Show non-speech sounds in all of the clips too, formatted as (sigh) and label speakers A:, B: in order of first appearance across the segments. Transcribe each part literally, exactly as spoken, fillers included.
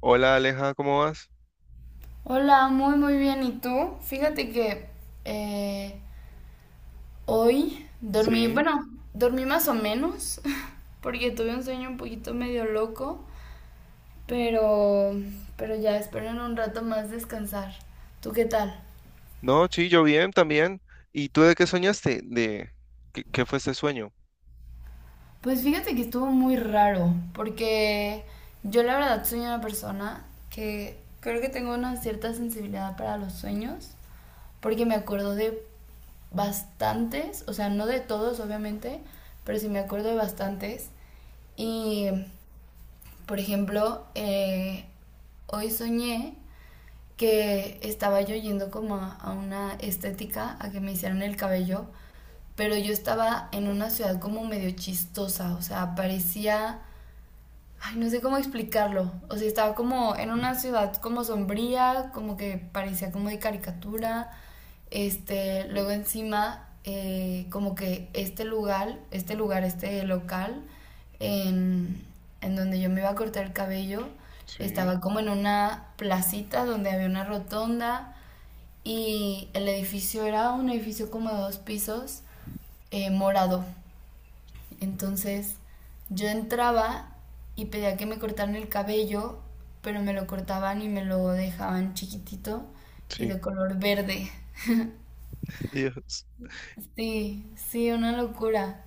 A: Hola, Aleja, ¿cómo vas?
B: Hola, muy muy bien. ¿Y tú? Fíjate que eh, hoy dormí,
A: Sí.
B: bueno, dormí más o menos, (laughs) porque tuve un sueño un poquito medio loco, pero, pero ya espero en un rato más descansar. ¿Tú qué tal?
A: No, sí, yo bien también. ¿Y tú de qué soñaste? ¿De qué, qué fue ese sueño?
B: Pues fíjate que estuvo muy raro, porque yo la verdad soy una persona que creo que tengo una cierta sensibilidad para los sueños. Porque me acuerdo de bastantes, o sea, no de todos, obviamente, pero sí me acuerdo de bastantes. Y, por ejemplo, eh, hoy soñé que estaba yo yendo como a, a una estética, a que me hicieran el cabello, pero yo estaba en una ciudad como medio chistosa, o sea, parecía. Ay, no sé cómo explicarlo. O sea, estaba como en una ciudad como sombría, como que parecía como de caricatura. Este, luego encima, eh, como que este lugar, este lugar, este local, en, en donde yo me iba a cortar el cabello,
A: Sí,
B: estaba como en una placita donde había una rotonda y el edificio era un edificio como de dos pisos, eh, morado. Entonces yo entraba y pedía que me cortaran el cabello, pero me lo cortaban y me lo dejaban chiquitito y
A: sí.
B: de color verde.
A: (laughs) Dios.
B: Sí, sí, una locura.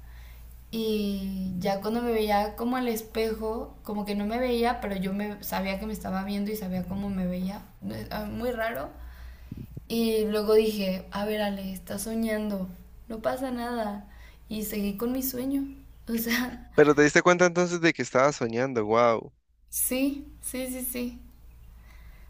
B: Y ya cuando me veía como al espejo, como que no me veía, pero yo me sabía que me estaba viendo y sabía cómo me veía. Eh, ah, Muy raro. Y luego dije, a ver, Ale, estás soñando, no pasa nada. Y seguí con mi sueño. O sea, (laughs)
A: Pero te diste cuenta entonces de que estabas soñando, wow.
B: sí, sí, sí, sí.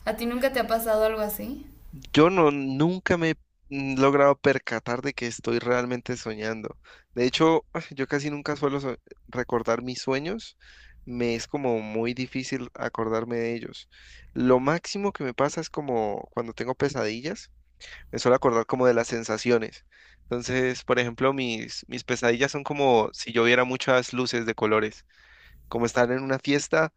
B: ¿A ti nunca te ha pasado algo así?
A: Yo no, nunca me he mm, logrado percatar de que estoy realmente soñando. De hecho, (sighs) (laughs) yo casi nunca suelo so- recordar mis sueños. Me es como muy difícil acordarme de ellos. Lo máximo que me pasa es como cuando tengo pesadillas. Es solo acordar como de las sensaciones. Entonces, por ejemplo, mis, mis pesadillas son como si yo viera muchas luces de colores, como estar en una fiesta,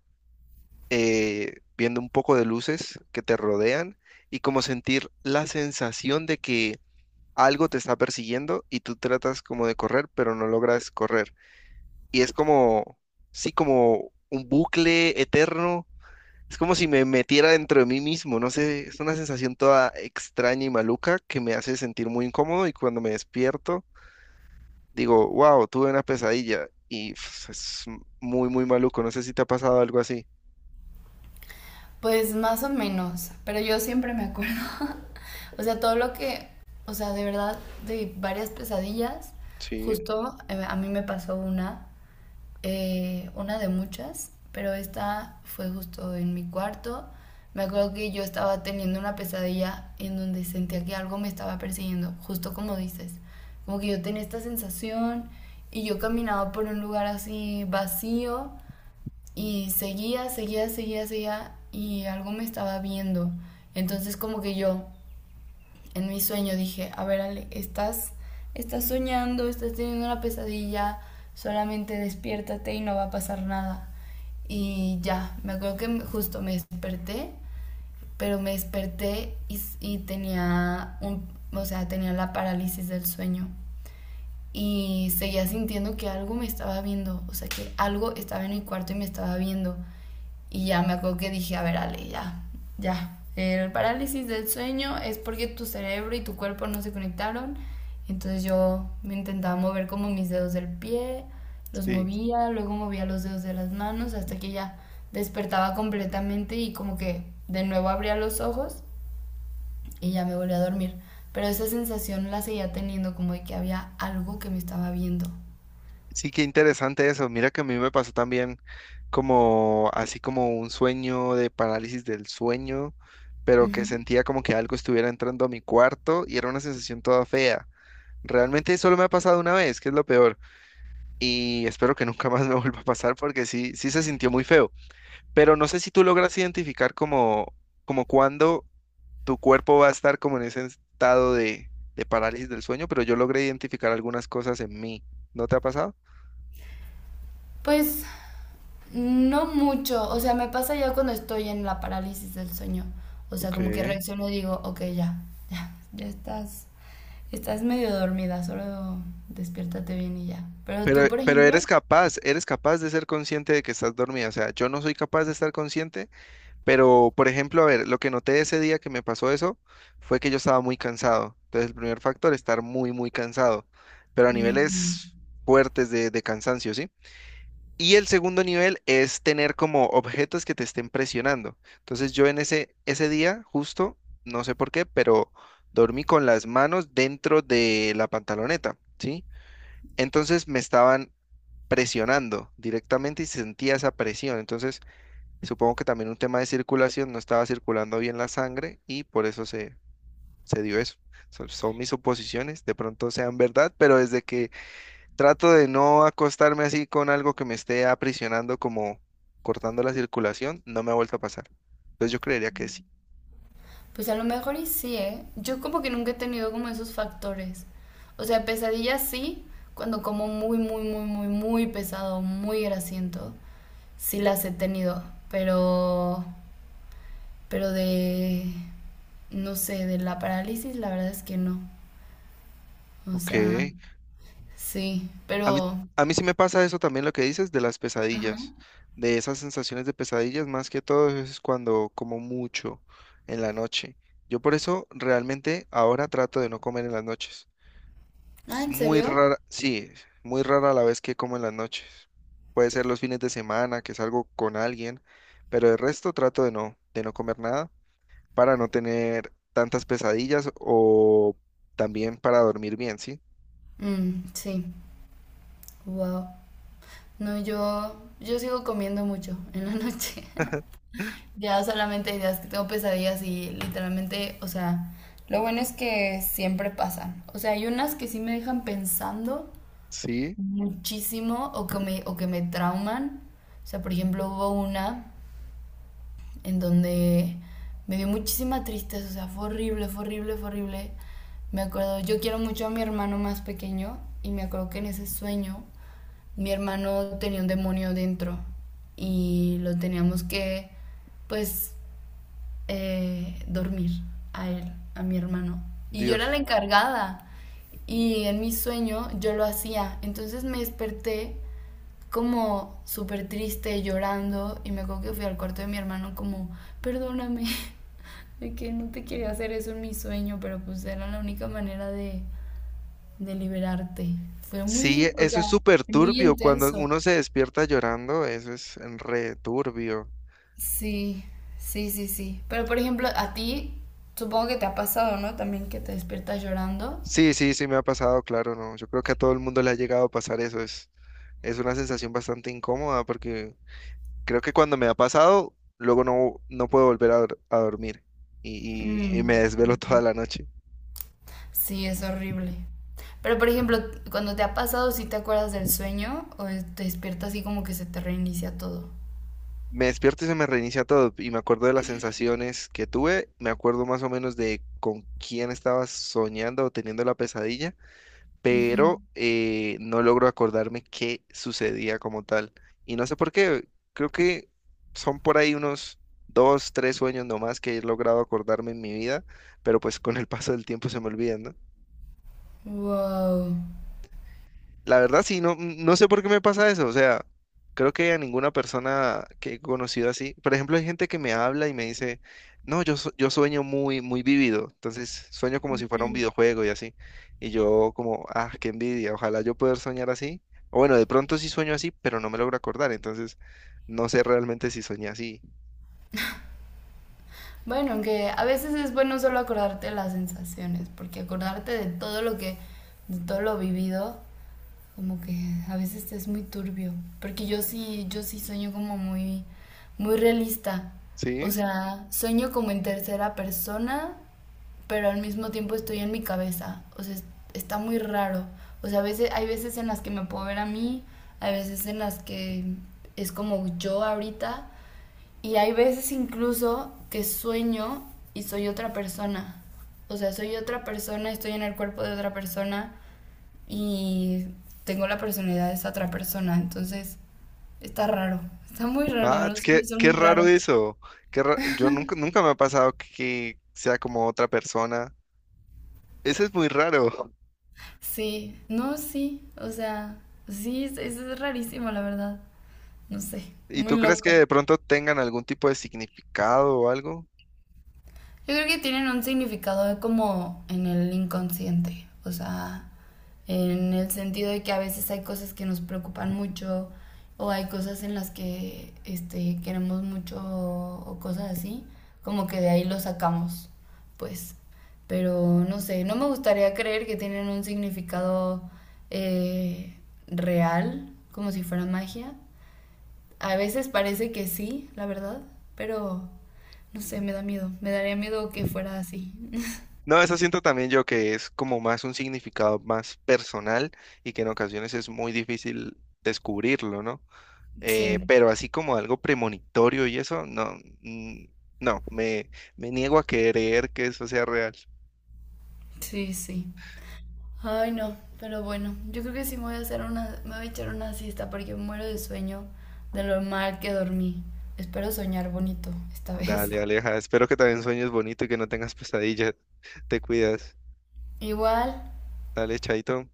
A: eh, viendo un poco de luces que te rodean y como sentir la sensación de que algo te está persiguiendo y tú tratas como de correr, pero no logras correr. Y es como, sí, como un bucle eterno, es como si me metiera dentro de mí mismo, no sé, es una sensación toda extraña y maluca que me hace sentir muy incómodo, y cuando me despierto digo, wow, tuve una pesadilla, y pues, es muy, muy maluco, no sé si te ha pasado algo así.
B: Pues más o menos, pero yo siempre me acuerdo. (laughs) O sea, todo lo que, o sea, de verdad, de varias pesadillas,
A: Sí.
B: justo eh, a mí me pasó una eh, una de muchas, pero esta fue justo en mi cuarto. Me acuerdo que yo estaba teniendo una pesadilla en donde sentía que algo me estaba persiguiendo, justo como dices. Como que yo tenía esta sensación y yo caminaba por un lugar así vacío y seguía, seguía, seguía, seguía y algo me estaba viendo. Entonces como que yo en mi sueño dije, a ver Ale, estás, estás soñando, estás teniendo una pesadilla, solamente despiértate y no va a pasar nada. Y ya, me acuerdo que justo me desperté, pero me desperté y, y tenía un, o sea, tenía la parálisis del sueño. Y seguía sintiendo que algo me estaba viendo, o sea, que algo estaba en mi cuarto y me estaba viendo. Y ya me acuerdo que dije, a ver, Ale, ya, ya. El parálisis del sueño es porque tu cerebro y tu cuerpo no se conectaron. Entonces yo me intentaba mover como mis dedos del pie, los
A: Sí,
B: movía, luego movía los dedos de las manos hasta que ya despertaba completamente y como que de nuevo abría los ojos y ya me volví a dormir. Pero esa sensación la seguía teniendo como de que había algo que me estaba viendo.
A: sí, qué interesante eso. Mira que a mí me pasó también como así como un sueño de parálisis del sueño, pero que
B: Ujú.
A: sentía como que algo estuviera entrando a mi cuarto y era una sensación toda fea. Realmente solo me ha pasado una vez, que es lo peor, y espero que nunca más me (laughs) vuelva a pasar, porque sí, sí se sintió muy feo. Pero no sé si tú logras identificar como, como cuándo tu cuerpo va a estar como en ese estado de, de parálisis del sueño, pero yo logré identificar algunas cosas en mí. ¿No te ha pasado?
B: Pues no mucho, o sea, me pasa ya cuando estoy en la parálisis del sueño. O sea,
A: Ok.
B: como que reacciono y digo, ok, ya, ya, ya estás, estás medio dormida, solo despiértate bien y ya. Pero
A: Pero,
B: tú, por
A: pero eres
B: ejemplo,
A: capaz, eres capaz de ser consciente de que estás dormida. O sea, yo no soy capaz de estar consciente. Pero, por ejemplo, a ver, lo que noté ese día que me pasó eso fue que yo estaba muy cansado. Entonces, el primer factor, estar muy, muy cansado, pero a
B: mm,
A: niveles fuertes de, de cansancio, ¿sí? Y el segundo nivel es tener como objetos que te estén presionando. Entonces, yo en ese, ese día, justo, no sé por qué, pero dormí con las manos dentro de la pantaloneta, ¿sí? Entonces, me estaban presionando directamente y sentía esa presión. Entonces, supongo que también un tema de circulación, no estaba circulando bien la sangre y por eso se, se dio eso. Son, son mis suposiciones, de pronto sean verdad, pero desde que trato de no acostarme así con algo que me esté aprisionando como cortando la circulación, no me ha vuelto a pasar. Entonces yo creería que sí.
B: pues a lo mejor y sí, ¿eh? Yo como que nunca he tenido como esos factores. O sea, pesadillas sí, cuando como muy, muy, muy, muy, muy pesado, muy grasiento, sí las he tenido, pero... Pero de, no sé, de la parálisis, la verdad es que no. O
A: Ok.
B: sea, sí,
A: A mí,
B: pero...
A: a mí sí me pasa eso también lo que dices de las pesadillas,
B: Ajá.
A: de esas sensaciones de pesadillas, más que todo es cuando como mucho en la noche. Yo por eso realmente ahora trato de no comer en las noches.
B: Ah,
A: Es
B: ¿en
A: muy
B: serio?
A: rara, sí, muy rara la vez que como en las noches. Puede ser los fines de semana, que salgo con alguien, pero el resto trato de no, de no comer nada para no tener tantas pesadillas o también para dormir bien, ¿sí?
B: Mm, sí. Wow. No, yo, yo sigo comiendo mucho (laughs) en la noche. (laughs) Ya solamente hay días que tengo pesadillas y literalmente, o sea, lo bueno es que siempre pasan. O sea, hay unas que sí me dejan pensando
A: Sí,
B: muchísimo o que me, o que me trauman. O sea, por ejemplo, hubo una en donde me dio muchísima tristeza, o sea, fue horrible, fue horrible, fue horrible. Me acuerdo, yo quiero mucho a mi hermano más pequeño y me acuerdo que en ese sueño mi hermano tenía un demonio dentro y lo teníamos que, pues, eh, dormir a él, a mi hermano. Y yo era la
A: Dios.
B: encargada. Y en mi sueño yo lo hacía. Entonces me desperté como súper triste, llorando. Y me acuerdo que fui al cuarto de mi hermano como, perdóname, (laughs) de que no te quería hacer eso en mi sueño, pero pues era la única manera de, de liberarte. Fue
A: Sí,
B: muy, o
A: eso
B: sea,
A: es súper
B: muy
A: turbio. Cuando
B: intenso.
A: uno se despierta llorando, eso es re turbio.
B: Sí, sí, sí, sí. Pero por ejemplo, a ti supongo que te ha pasado, ¿no? También que te despiertas llorando.
A: Sí, sí, sí me ha pasado, claro, no. Yo creo que a todo el mundo le ha llegado a pasar eso. Es, es una sensación bastante incómoda porque creo que cuando me ha pasado, luego no, no puedo volver a, dor- a dormir, y, y- y me
B: Mm.
A: desvelo (laughs) toda la noche.
B: Sí, es horrible. Pero por ejemplo, cuando te ha pasado, ¿sí te acuerdas del sueño o es- te despiertas así como que se te reinicia todo?
A: Me despierto y se me reinicia todo y me acuerdo de las sensaciones que tuve, me acuerdo más o menos de con quién estaba soñando o teniendo la pesadilla,
B: Ujú.
A: pero eh, no logro acordarme qué sucedía como tal. Y no sé por qué, creo que son por ahí unos dos, tres sueños nomás que he logrado acordarme en mi vida, pero pues con el paso del tiempo se me olvidan, ¿no?
B: Wow.
A: La verdad, sí, no, no sé por qué me pasa eso. O sea, creo que a ninguna persona que he conocido así. Por ejemplo, hay gente que me habla y me dice, no, yo, su- yo sueño muy, muy vívido. Entonces, sueño como si fuera un
B: Ujú.
A: videojuego y así. Y yo como, ah, qué envidia. Ojalá yo poder soñar así. O bueno, de pronto sí sueño así, pero no me logro acordar. Entonces, no sé realmente si soñé así.
B: Bueno, aunque a veces es bueno solo acordarte de las sensaciones, porque acordarte de todo lo que, de todo lo vivido, como que a veces es muy turbio, porque yo sí, yo sí sueño como muy, muy realista. O
A: ¿Sí?
B: sea, sueño como en tercera persona, pero al mismo tiempo estoy en mi cabeza. O sea, es- está muy raro. O sea, a veces, hay veces en las que me puedo ver a mí, hay veces en las que es como yo ahorita, y hay veces incluso que sueño y soy otra persona. O sea, soy otra persona, estoy en el cuerpo de otra persona y tengo la personalidad de esa otra persona, entonces está raro, está muy raro,
A: Ah, es
B: los
A: que-
B: sueños son
A: qué
B: muy
A: raro
B: raros.
A: eso. Qué ra- Yo nunca, nunca me ha pasado que sea como otra persona. Eso es muy raro.
B: Sí, no, sí, o sea, sí, es, es rarísimo, la verdad, no sé,
A: ¿Y
B: muy
A: tú crees que
B: loco.
A: de pronto tengan algún tipo de significado o algo?
B: Yo creo que tienen un significado como en el inconsciente, o sea, en el sentido de que a veces hay cosas que nos preocupan mucho o hay cosas en las que este, queremos mucho o cosas así, como que de ahí lo sacamos, pues. Pero no sé, no me gustaría creer que tienen un significado eh, real, como si fuera magia, a veces parece que sí, la verdad, pero no sé, me da miedo. Me daría miedo que fuera así. (laughs)
A: No, eso siento también yo que es como más un significado más personal y que en ocasiones es muy difícil descubrirlo, ¿no? Eh,
B: Sí,
A: pero así como algo premonitorio y eso, no, mm, no, me, me niego a creer que eso sea real.
B: sí, sí. Ay, no, pero bueno, yo creo que sí me voy a hacer una, me voy a echar una siesta porque muero de sueño de lo mal que dormí. Espero soñar bonito esta (laughs) vez.
A: Dale, Aleja, espero que también sueñes bonito y que no tengas pesadillas. (laughs) Te cuidas.
B: Igual,
A: Dale, chaito.